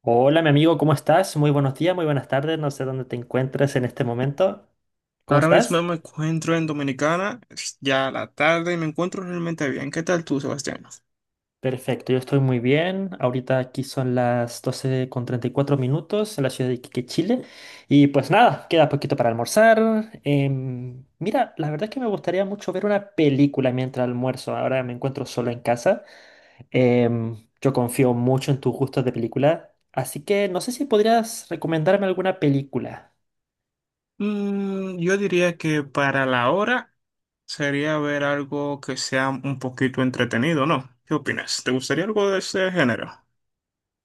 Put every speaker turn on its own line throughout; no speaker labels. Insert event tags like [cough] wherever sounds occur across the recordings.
Hola, mi amigo, ¿cómo estás? Muy buenos días, muy buenas tardes. No sé dónde te encuentres en este momento. ¿Cómo
Ahora mismo
estás?
me encuentro en Dominicana, es ya la tarde y me encuentro realmente bien. ¿Qué tal tú, Sebastián?
Perfecto, yo estoy muy bien. Ahorita aquí son las 12 con 34 minutos en la ciudad de Iquique, Chile. Y pues nada, queda poquito para almorzar. Mira, la verdad es que me gustaría mucho ver una película mientras almuerzo. Ahora me encuentro solo en casa. Yo confío mucho en tus gustos de película. Así que no sé si podrías recomendarme alguna película.
Yo diría que para la hora sería ver algo que sea un poquito entretenido, ¿no? ¿Qué opinas? ¿Te gustaría algo de ese género?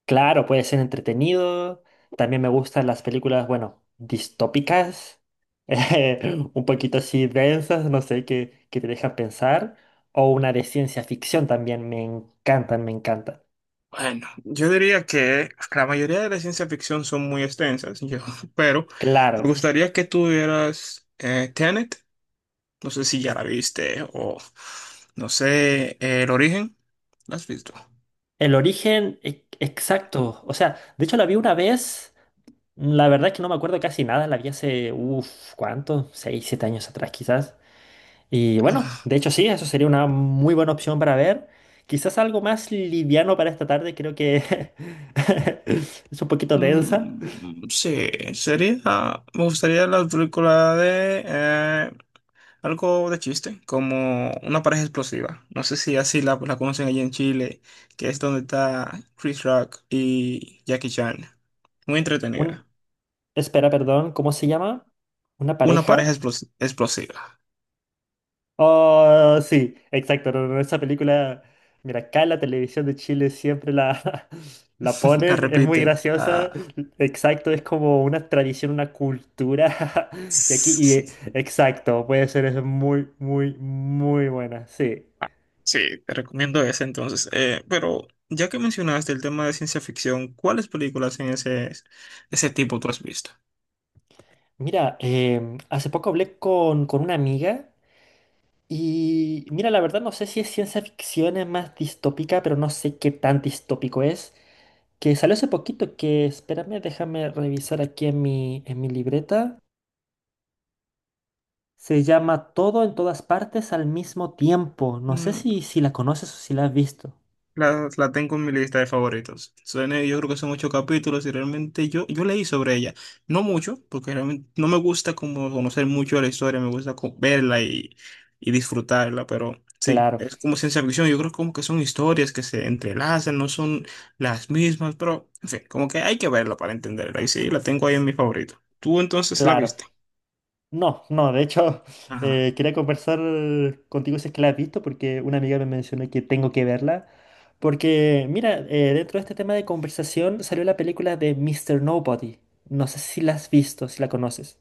Claro, puede ser entretenido. También me gustan las películas, bueno, distópicas, [laughs] un poquito así densas, no sé, que te dejan pensar. O una de ciencia ficción también, me encantan, me encantan.
Bueno, yo diría que la mayoría de la ciencia ficción son muy extensas, yo, [laughs] pero me
Claro,
gustaría que tuvieras Tenet, no sé si ya la viste, o no sé, El Origen, ¿la has visto?
el origen exacto. O sea, de hecho la vi una vez, la verdad es que no me acuerdo casi nada, la vi hace, uff, ¿cuánto? Seis, siete años atrás quizás. Y bueno,
[laughs]
de hecho sí, eso sería una muy buena opción para ver. Quizás algo más liviano para esta tarde, creo que [laughs] es un poquito densa.
Mm, sí, sería. Me gustaría la película de algo de chiste, como una pareja explosiva. No sé si así la conocen allí en Chile, que es donde está Chris Rock y Jackie Chan. Muy
Un,
entretenida.
espera, perdón, ¿cómo se llama? ¿Una
Una pareja
pareja?
explosiva.
Oh, sí, exacto. No, no, esa película, mira, acá en la televisión de Chile siempre la, [laughs] la
[laughs] La
ponen, es muy
repiten.
graciosa.
Ah.
Exacto, es como una tradición, una cultura. [laughs] Y aquí,
[laughs]
exacto, puede ser, es muy, muy, muy buena, sí.
Sí, te recomiendo ese entonces. Pero ya que mencionaste el tema de ciencia ficción, ¿cuáles películas en ese tipo tú has visto?
Mira, hace poco hablé con una amiga y mira, la verdad no sé si es ciencia ficción, es más distópica, pero no sé qué tan distópico es. Que salió hace poquito, que espérame, déjame revisar aquí en en mi libreta. Se llama Todo en todas partes al mismo tiempo. No sé
Mm,
si la conoces o si la has visto.
la tengo en mi lista de favoritos. Suene yo creo que son ocho capítulos y realmente yo leí sobre ella. No mucho, porque realmente no me gusta como conocer mucho de la historia, me gusta verla y disfrutarla, pero sí,
Claro,
es como ciencia ficción. Yo creo como que son historias que se entrelazan, no son las mismas, pero en fin, como que hay que verla para entenderla. Y sí, la tengo ahí en mi favorito. ¿Tú entonces la
claro.
viste?
No, no, de hecho, [laughs]
Ajá.
quería conversar contigo si es que la has visto, porque una amiga me mencionó que tengo que verla. Porque, mira, dentro de este tema de conversación salió la película de Mister Nobody. No sé si la has visto, si la conoces.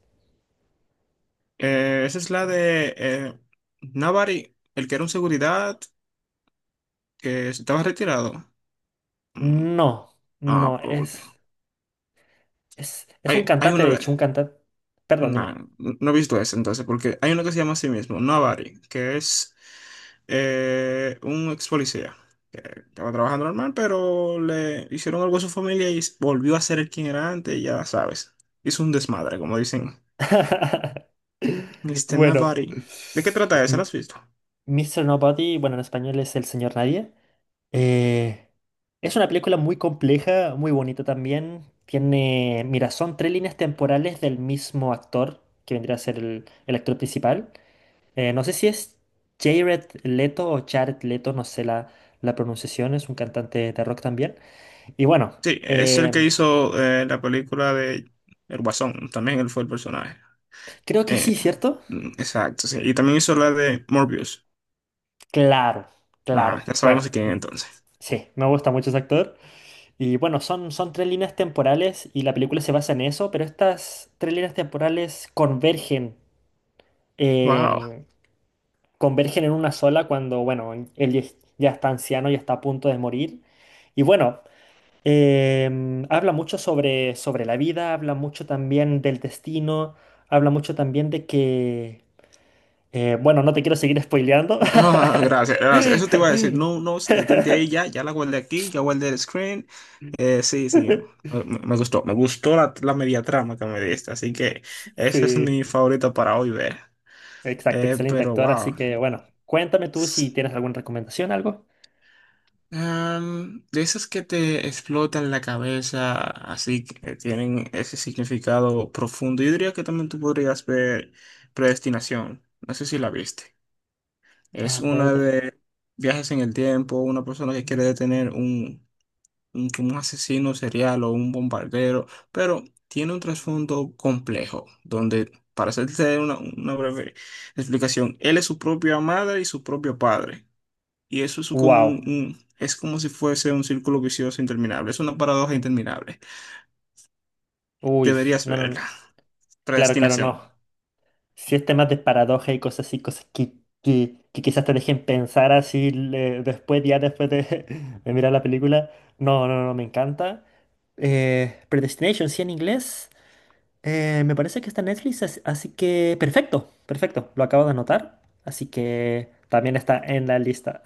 Esa es la de Navari, el que era un seguridad que estaba retirado. Mm,
No,
Ah,
no,
porque
es, es un
hay, hay
cantante, de hecho,
una,
un cantante. Perdón, dime.
no he visto ese entonces, porque hay uno que se llama a sí mismo, Navari, que es un ex policía que estaba trabajando normal, pero le hicieron algo a su familia y volvió a ser el quien era antes, y ya sabes. Hizo un desmadre, como dicen.
[laughs]
Mister
Bueno,
Navari. ¿De qué trata esa? ¿La has visto?
Mister Nobody, bueno, en español es el señor nadie. Eh, es una película muy compleja, muy bonita también. Tiene, mira, son tres líneas temporales del mismo actor, que vendría a ser el actor principal. No sé si es Jared Leto o Jared Leto, no sé la pronunciación, es un cantante de rock también. Y bueno,
Sí, es el que
em,
hizo la película de El Guasón, también él fue el personaje.
creo que
Eh,
sí, ¿cierto?
mm, exacto, sí. Y también hizo la de Morbius.
Claro,
Ah,
claro.
ya
Bueno,
sabemos quién es entonces.
sí, me gusta mucho ese actor. Y bueno, son, son tres líneas temporales y la película se basa en eso, pero estas tres líneas temporales convergen
Wow.
em, convergen en una sola cuando, bueno, él ya ya está anciano y está a punto de morir. Y bueno, habla mucho sobre la vida, habla mucho también del destino, habla mucho también de que, bueno, no te quiero seguir spoileando.
Ah, gracias, gracias. Eso te iba a decir. No,
[laughs]
no, detente ahí ya. Ya la guardé aquí, ya guardé el screen. Sí, sí. Me gustó. Me gustó la media trama que me diste. Así que esa es
Sí,
mi favorita para hoy ver.
exacto,
Eh,
excelente
pero
actor. Así
wow.
que bueno, cuéntame tú si
S-
tienes alguna recomendación, algo.
de esas que te explotan la cabeza, así que tienen ese significado profundo. Yo diría que también tú podrías ver Predestinación. No sé si la viste. Es
A
una
ver,
de viajes en el tiempo, una persona que quiere detener un, como un asesino serial o un bombardero, pero tiene un trasfondo complejo, donde, para hacerte una breve explicación, él es su propia madre y su propio padre. Y eso es como un,
wow.
es como si fuese un círculo vicioso interminable, es una paradoja interminable.
Uy,
Deberías
no, no, no,
verla.
claro, claro, no.
Predestinación.
Si es temas de paradoja y cosas así, cosas que quizás te dejen pensar así después, ya después de, [laughs] de mirar la película. No, no, no, me encanta. Predestination, sí, en inglés. Me parece que está en Netflix, así que perfecto, perfecto, lo acabo de anotar. Así que también está en la lista.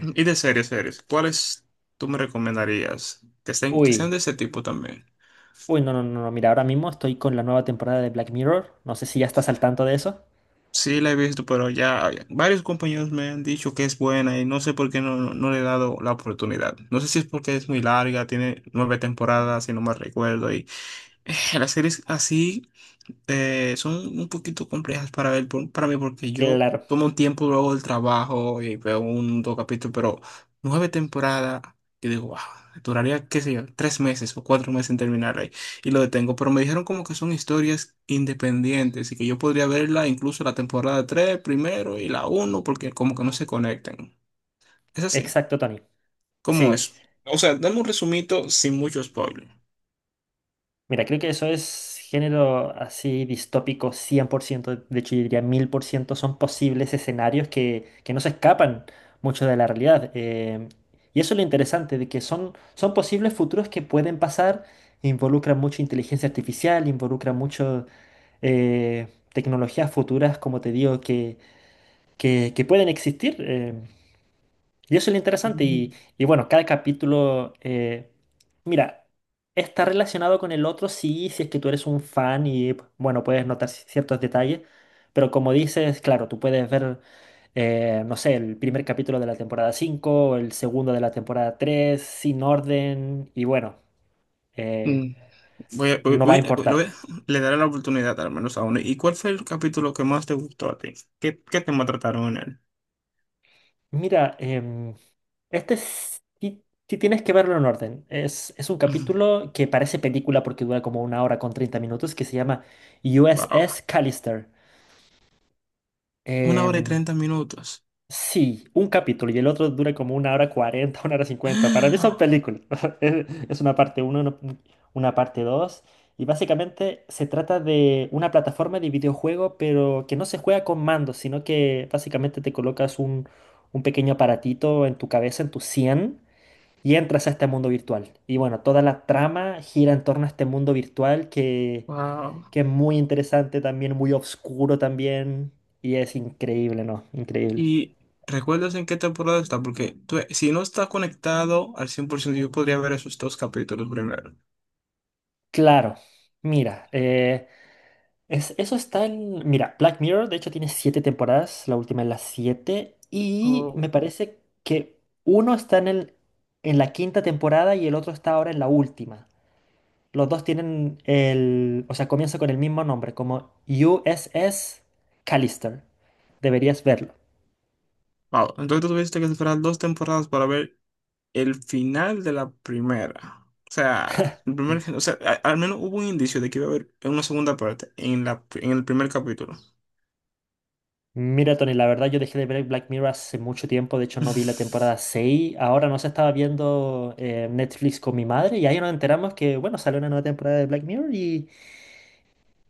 Y de series, series, ¿cuáles tú me recomendarías? Que
[laughs]
estén, que sean
Uy,
de ese tipo también.
uy, no, no, no, no, mira, ahora mismo estoy con la nueva temporada de Black Mirror. No sé si ya estás al tanto de eso.
Sí, la he visto, pero ya varios compañeros me han dicho que es buena y no sé por qué no, no, no le he dado la oportunidad. No sé si es porque es muy larga, tiene nueve temporadas, si no me recuerdo, y [sighs] las series así son un poquito complejas para ver para mí porque yo
Claro,
tomo un tiempo luego del trabajo y veo un dos capítulos, pero nueve temporadas, yo digo, wow, duraría, qué sé yo, 3 meses o 4 meses en terminar ahí y lo detengo. Pero me dijeron como que son historias independientes y que yo podría verla incluso la temporada 3 primero y la uno, porque como que no se conectan. Es así,
exacto, Tony.
como es.
Sí.
O sea, dame un resumito sin mucho spoiler.
Mira, creo que eso es género así distópico 100%, de hecho yo diría 1000%, son posibles escenarios que no se escapan mucho de la realidad. Y eso es lo interesante, de que son, son posibles futuros que pueden pasar, involucran mucho inteligencia artificial, involucran mucho tecnologías futuras, como te digo, que pueden existir. Y eso es lo interesante. Y bueno, cada capítulo, mira, está relacionado con el otro, sí, si es que tú eres un fan y, bueno, puedes notar ciertos detalles, pero como dices, claro, tú puedes ver, no sé, el primer capítulo de la temporada 5 o el segundo de la temporada 3 sin orden, y bueno, eh,
Mm, Voy a- voy-
no va
voy-
a
eh,
importar.
lo voy a- le daré la oportunidad al menos a uno. ¿Y cuál fue el capítulo que más te gustó a ti? ¿Qué tema trataron en él?
Mira, sí, sí tienes que verlo en orden. Es un
[laughs]
capítulo que parece película porque dura como una hora con 30 minutos que se llama
Wow.
USS Callister.
Una hora y
Em,
30 minutos.
sí, un capítulo y el otro dura como una hora 40, [laughs] una hora 50. Para mí son
[gasps]
películas. [laughs] Es una parte uno, una parte 2. Y básicamente se trata de una plataforma de videojuego, pero que no se juega con mandos, sino que básicamente te colocas un pequeño aparatito en tu cabeza, en tu 100 y entras a este mundo virtual. Y bueno, toda la trama gira en torno a este mundo virtual
Wow.
que es muy interesante también, muy oscuro también, y es increíble, ¿no? Increíble.
¿Y recuerdas en qué temporada está? Porque si no está conectado al 100% yo podría ver esos dos capítulos primero.
Claro, mira, es, eso está en... Mira, Black Mirror de hecho tiene siete temporadas, la última es la siete, y
Oh,
me parece que uno está en el, en la quinta temporada y el otro está ahora en la última. Los dos tienen el, o sea, comienza con el mismo nombre, como USS Callister. Deberías verlo.
wow. Entonces tú tuviste que esperar dos temporadas para ver el final de la primera. O sea, el primer, o sea, al menos hubo un indicio de que iba a haber una segunda parte en en el primer capítulo.
Mira, Tony, la verdad yo dejé de ver Black Mirror hace mucho tiempo, de hecho no vi la
[laughs]
temporada 6. Ahora no se estaba viendo Netflix con mi madre y ahí nos enteramos que, bueno, salió una nueva temporada de Black Mirror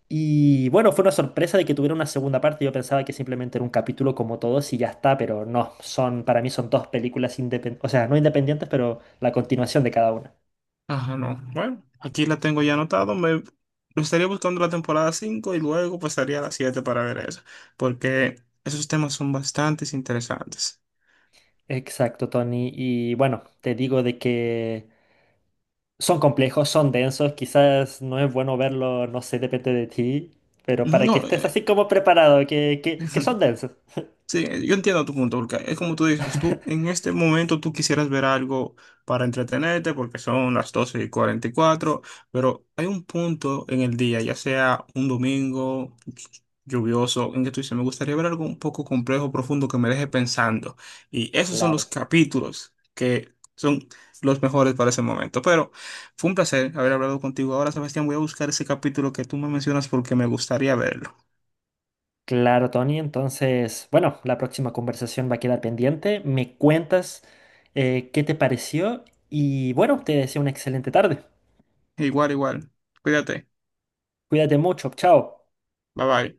y bueno, fue una sorpresa de que tuviera una segunda parte, yo pensaba que simplemente era un capítulo como todos y ya está, pero no, son, para mí son dos películas independientes, o sea, no independientes, pero la continuación de cada una.
Ajá, no. Bueno, aquí la tengo ya anotado. Me estaría buscando la temporada 5 y luego pasaría a la 7 para ver eso, porque esos temas son bastante interesantes.
Exacto, Tony. Y bueno, te digo de que son complejos, son densos, quizás no es bueno verlo, no sé, depende de ti, pero para que
No,
estés así como preparado, que son
[laughs]
densos.
sí, yo entiendo tu punto, porque es como tú dices, tú en este momento tú quisieras ver algo para entretenerte, porque son las 12:44, pero hay un punto en el día, ya sea un domingo lluvioso, en que tú dices, me gustaría ver algo un poco complejo, profundo, que me deje pensando. Y esos son los
Claro,
capítulos que son los mejores para ese momento. Pero fue un placer haber hablado contigo. Ahora, Sebastián, voy a buscar ese capítulo que tú me mencionas porque me gustaría verlo.
claro, Tony. Entonces, bueno, la próxima conversación va a quedar pendiente. Me cuentas qué te pareció y bueno, te deseo una excelente tarde.
Igual, igual. Cuídate.
Cuídate mucho, chao.
Bye bye.